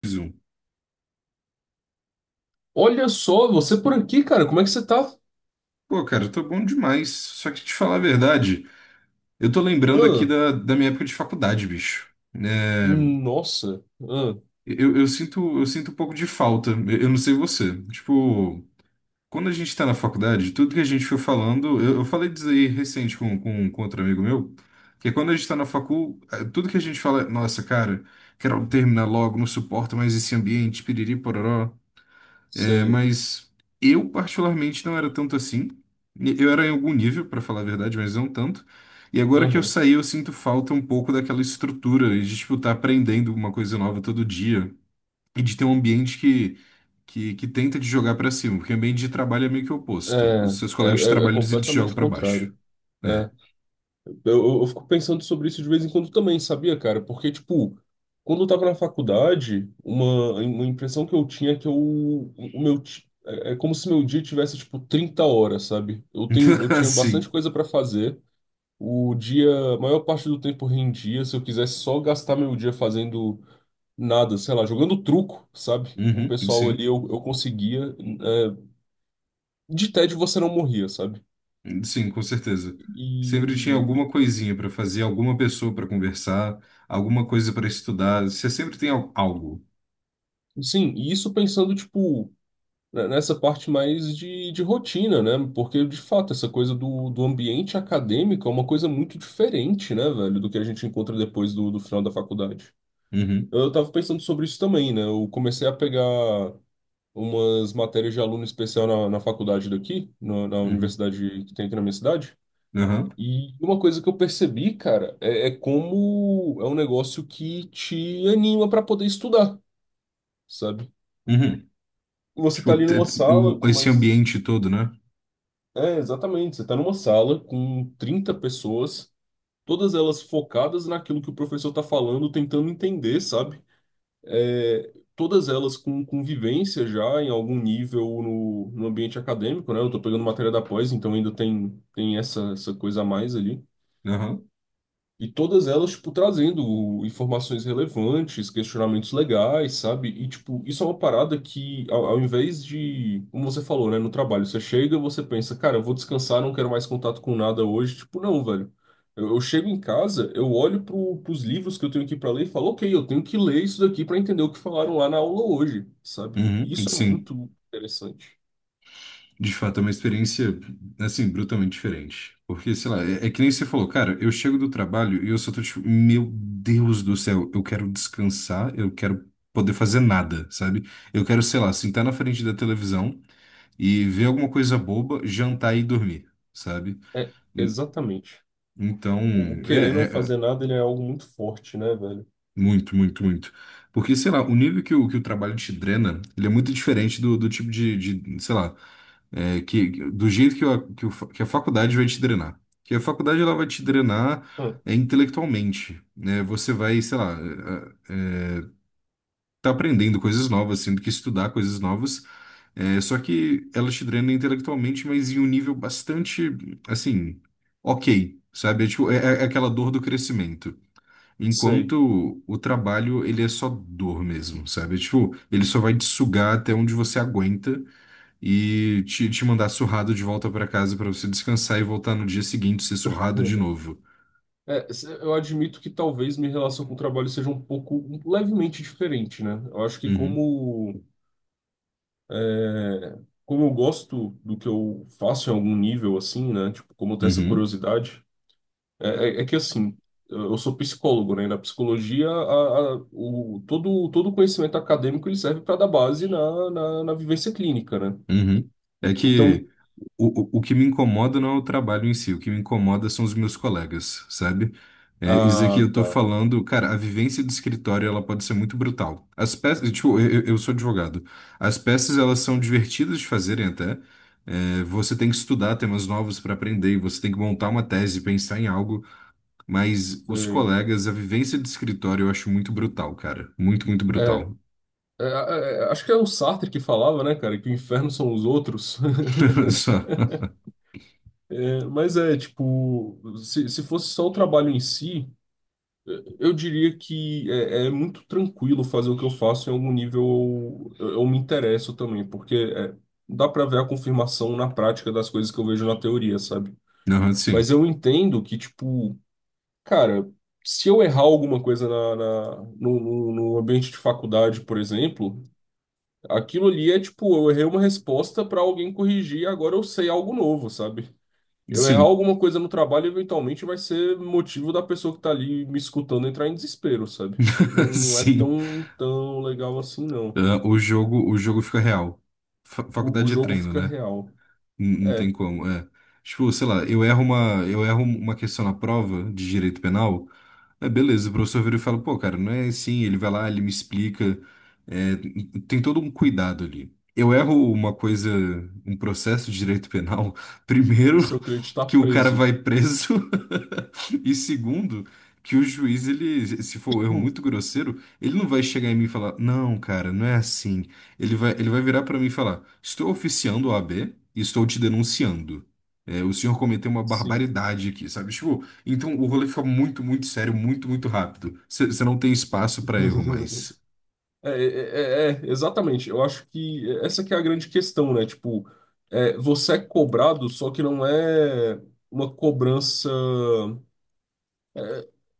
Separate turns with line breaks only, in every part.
Preciso.
Olha só, você por aqui, cara, como é que você tá?
Pô, cara, eu tô bom demais. Só que te falar a verdade, eu tô lembrando aqui
Ah,
da minha época de faculdade, bicho. É,
nossa, ah,
eu sinto um pouco de falta. Eu não sei você. Tipo, quando a gente tá na faculdade, tudo que a gente foi falando, eu falei disso aí recente com outro amigo meu, que é quando a gente tá na facul, tudo que a gente fala, é, nossa, cara, quero terminar logo, não suporto mais esse ambiente, piriri, pororó. É,
sei,
mas eu, particularmente, não era tanto assim. Eu era em algum nível, para falar a verdade, mas não tanto. E agora que eu
aham.
saí, eu sinto falta um pouco daquela estrutura de, tipo, estar aprendendo uma coisa nova todo dia e de ter um ambiente que tenta te jogar para cima, porque o ambiente de trabalho é meio que o oposto. Os
É,
seus
é,
colegas de
é, é
trabalho, eles te jogam
completamente o
para baixo.
contrário.
É.
É, eu fico pensando sobre isso de vez em quando também, sabia, cara? Porque, tipo, quando eu tava na faculdade, uma impressão que eu tinha é que eu, o meu, ti- é, é como se meu dia tivesse, tipo, 30 horas, sabe? Eu tinha bastante
Assim.
coisa pra fazer, o dia, a maior parte do tempo rendia, se eu quisesse só gastar meu dia fazendo nada, sei lá, jogando truco, sabe? Com o
Uhum,
pessoal ali
sim.
eu conseguia. é, de tédio você não morria, sabe?
Sim, com certeza. Sempre tinha
E.
alguma coisinha para fazer, alguma pessoa para conversar, alguma coisa para estudar. Você sempre tem algo.
Sim, e isso pensando, tipo, né, nessa parte mais de rotina, né? Porque, de fato, essa coisa do ambiente acadêmico é uma coisa muito diferente, né, velho, do que a gente encontra depois do final da faculdade.
Uhum,
Eu tava pensando sobre isso também, né? Eu comecei a pegar umas matérias de aluno especial na faculdade daqui, na
uhum,
universidade que tem aqui na minha cidade.
aham,
E uma coisa que eu percebi, cara, é, é como é um negócio que te anima pra poder estudar, sabe?
uhum.
Você tá
Tipo,
ali numa sala com
esse
mais.
ambiente todo, né?
É, exatamente. Você tá numa sala com 30 pessoas, todas elas focadas naquilo que o professor tá falando, tentando entender, sabe? É, todas elas com convivência já em algum nível no ambiente acadêmico, né? Eu tô pegando matéria da pós, então ainda tem, essa coisa a mais ali.
Aham,
E todas elas, tipo, trazendo informações relevantes, questionamentos legais, sabe? E, tipo, isso é uma parada que, ao invés de, como você falou, né, no trabalho, você chega, você pensa, cara, eu vou descansar, não quero mais contato com nada hoje. Tipo, não, velho. Eu chego em casa, eu olho pro, pros livros que eu tenho aqui pra ler e falo, ok, eu tenho que ler isso daqui pra entender o que falaram lá na aula hoje, sabe?
uhum,
Isso é
sim.
muito interessante.
De fato, é uma experiência, assim, brutalmente diferente. Porque, sei lá, é que nem você falou, cara, eu chego do trabalho e eu só tô tipo, meu Deus do céu, eu quero descansar, eu quero poder fazer nada, sabe? Eu quero, sei lá, sentar na frente da televisão e ver alguma coisa boba, jantar e dormir, sabe?
É,
En-
exatamente.
Então,
O querer
é,
não
é,
fazer
é,
nada, ele é algo muito forte, né, velho?
muito, muito, muito. Porque, sei lá, o nível que o trabalho te drena, ele é muito diferente do tipo de, sei lá, é, que, do jeito que a faculdade vai te drenar. Que a faculdade, ela vai te drenar
Hum,
intelectualmente, né? Você vai, sei lá, é, é, tá aprendendo coisas novas, tendo que estudar coisas novas. É, só que ela te drena intelectualmente, mas em um nível bastante, assim, ok, sabe? É, tipo, é aquela dor do crescimento.
sei.
Enquanto o trabalho, ele é só dor mesmo, sabe? É, tipo, ele só vai te sugar até onde você aguenta e te mandar surrado de volta pra casa pra você descansar e voltar no dia seguinte ser surrado de novo.
É, se- eu admito que talvez minha relação com o trabalho seja um pouco um- levemente diferente, né? Eu acho que
Uhum,
como é, como eu gosto do que eu faço em algum nível assim, né? Tipo, como eu tenho essa
uhum.
curiosidade, é, é que assim, eu sou psicólogo, né? E na psicologia, todo conhecimento acadêmico ele serve para dar base na vivência clínica, né?
Uhum. É
Então,
que o que me incomoda não é o trabalho em si, o que me incomoda são os meus colegas, sabe? É, isso aqui
ah,
eu tô
tá,
falando, cara, a vivência do escritório ela pode ser muito brutal. As peças, tipo, eu sou advogado. As peças elas são divertidas de fazerem até. É, você tem que estudar temas novos para aprender, e você tem que montar uma tese, pensar em algo, mas os
sei.
colegas, a vivência do escritório eu acho muito brutal, cara. Muito, muito
É,
brutal.
é, é, acho que é o Sartre que falava, né, cara, que o inferno são os outros.
Só.
Mas é, tipo, se fosse só o trabalho em si, eu diria que é, é muito tranquilo fazer o que eu faço em algum nível eu me interesso também, porque dá pra ver a confirmação na prática das coisas que eu vejo na teoria, sabe?
Não,
Mas
sim.
eu entendo que, tipo, cara, se eu errar alguma coisa no ambiente de faculdade, por exemplo, aquilo ali é, tipo, eu errei uma resposta pra alguém corrigir, agora eu sei algo novo, sabe? Eu errar
Sim.
alguma coisa no trabalho eventualmente vai ser motivo da pessoa que tá ali me escutando entrar em desespero, sabe? Não, não é
Sim.
tão, tão legal assim, não.
Ah, o jogo fica real. Faculdade
O
de
jogo
treino,
fica
né?
real.
Não tem
É,
como, é. Tipo, sei lá, eu erro uma questão na prova de direito penal, é beleza, o professor vira e fala, pô, cara, não é assim, ele vai lá, ele me explica, é, tem todo um cuidado ali. Eu erro uma coisa, um processo de direito penal, primeiro
o seu cliente tá
que o cara
preso.
vai preso, e segundo, que o juiz, ele, se for um erro
Hum.
muito grosseiro, ele não vai chegar em mim e falar, não, cara, não é assim. Ele vai virar pra mim e falar, estou oficiando a OAB e estou te denunciando. É, o senhor cometeu uma
Sim.
barbaridade aqui, sabe? Tipo, então o rolê fica muito, muito sério, muito, muito rápido. Você não tem espaço pra erro mais.
É, é, é, é, exatamente. Eu acho que essa que é a grande questão, né? Tipo, é, você é cobrado, só que não é uma cobrança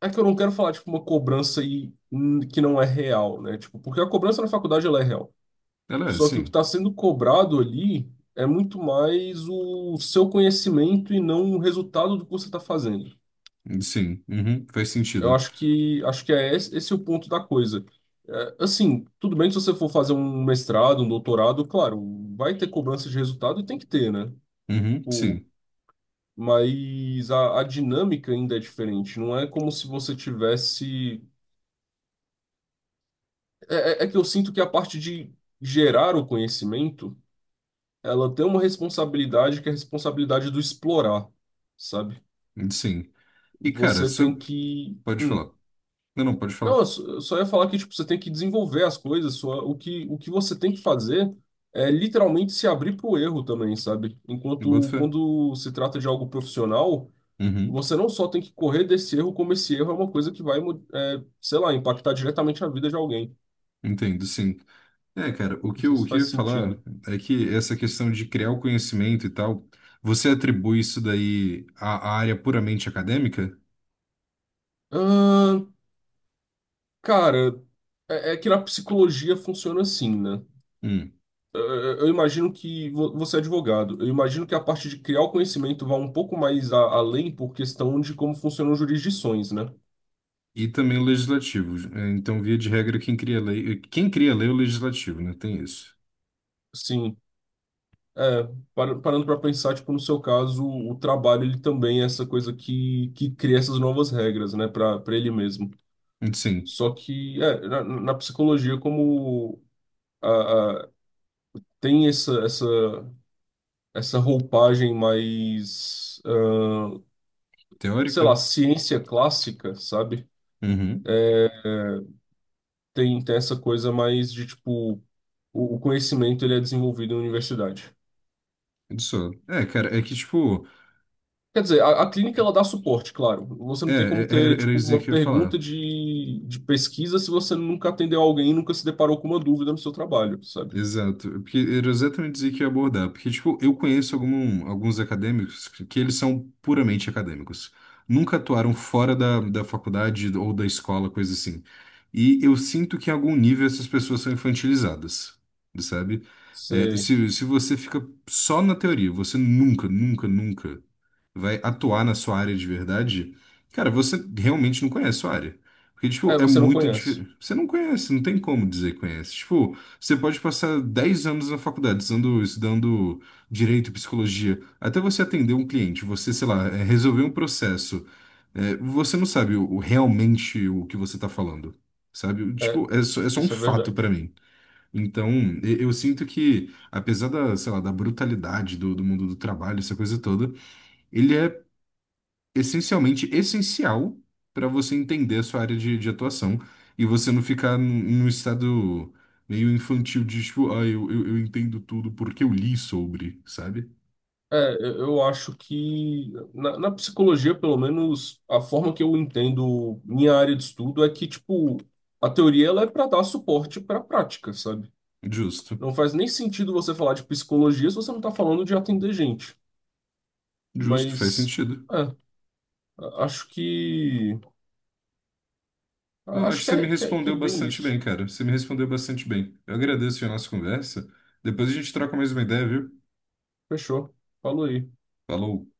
é que eu não quero falar, tipo, uma cobrança e, que não é real, né? Tipo, porque a cobrança na faculdade, ela é real.
Ela é,
Só que o que
sim.
está sendo cobrado ali é muito mais o seu conhecimento e não o resultado do que você está fazendo.
Sim. Uhum, faz
Eu
sentido.
acho que é esse, esse é o ponto da coisa. É, assim, tudo bem se você for fazer um mestrado, um doutorado, claro, vai ter cobrança de resultado e tem que ter, né?
Uhum,
O,
sim.
mas a dinâmica ainda é diferente. Não é como se você tivesse. É é que eu sinto que a parte de gerar o conhecimento ela tem uma responsabilidade que é a responsabilidade do explorar, sabe?
Sim. E, cara,
Você tem
isso.
que.
Pode
Hum.
falar. Não, não, pode falar.
Não, eu só ia falar que tipo, você tem que desenvolver as coisas, o que você tem que fazer é literalmente se abrir para o erro também, sabe?
Boto
Enquanto
fé.
quando se trata de algo profissional,
Uhum.
você não só tem que correr desse erro, como esse erro é uma coisa que vai, sei lá, impactar diretamente a vida de alguém.
Entendo, sim. É, cara, o
Não
que
sei
eu, o
se
que
faz
eu ia falar
sentido.
é que essa questão de criar o conhecimento e tal, você atribui isso daí à área puramente acadêmica?
Ahn, Cara, é é que na psicologia funciona assim, né?
Hum.
eh, eu imagino que você é advogado. Eu imagino que a parte de criar o conhecimento vá um pouco mais além por questão de como funcionam jurisdições, né?
E também o legislativo. É, então, via de regra, quem cria lei é o legislativo, né? Tem isso.
Sim. É, para- parando para pensar, tipo, no seu caso, o trabalho ele também é essa coisa que cria essas novas regras, né, para ele mesmo.
Sim,
Só que é, na psicologia, como a, a- tem essa roupagem mais, sei
teórica?
lá, ciência clássica, sabe?
Uhum.
Tem, tem essa coisa mais de tipo o conhecimento ele é desenvolvido na universidade.
Só. É, cara, é que, tipo,
Quer dizer, a clínica ela dá suporte, claro. Você
é,
não tem como
é- era,
ter
era
tipo
isso
uma
que eu ia falar.
pergunta de pesquisa se você nunca atendeu alguém e nunca se deparou com uma dúvida no seu trabalho, sabe?
Exato, porque era exatamente isso que eu ia abordar, porque, tipo, eu conheço alguns acadêmicos que eles são puramente acadêmicos, nunca atuaram fora da faculdade ou da escola, coisa assim, e eu sinto que em algum nível essas pessoas são infantilizadas, sabe? É,
Você,
se você fica só na teoria, você nunca, nunca, nunca vai atuar na sua área de verdade, cara, você realmente não conhece a sua área. Porque, tipo,
é,
é
você não
muito
conhece.
diferente. Você não conhece, não tem como dizer que conhece. Tipo, você pode passar 10 anos na faculdade estudando direito e psicologia, até você atender um cliente, você, sei lá, resolver um processo. É, você não sabe realmente o que você tá falando, sabe?
É,
Tipo, é só um
isso é
fato
verdade.
pra mim. Então, eu sinto que, apesar da, sei lá, da brutalidade do mundo do trabalho, essa coisa toda, ele é essencialmente essencial para você entender a sua área de atuação e você não ficar num estado meio infantil de tipo, ah, eu entendo tudo porque eu li sobre, sabe?
É, eu acho que na psicologia, pelo menos, a forma que eu entendo minha área de estudo é que, tipo, a teoria ela é para dar suporte para a prática, sabe?
Justo,
Não faz nem sentido você falar de psicologia se você não está falando de atender gente.
justo, faz
Mas,
sentido.
é, acho que.
Não, acho
Acho
que
que
você me
é, que é, que é
respondeu
bem
bastante bem,
isso.
cara. Você me respondeu bastante bem. Eu agradeço a nossa conversa. Depois a gente troca mais uma ideia, viu?
Fechou. Falou aí.
Falou.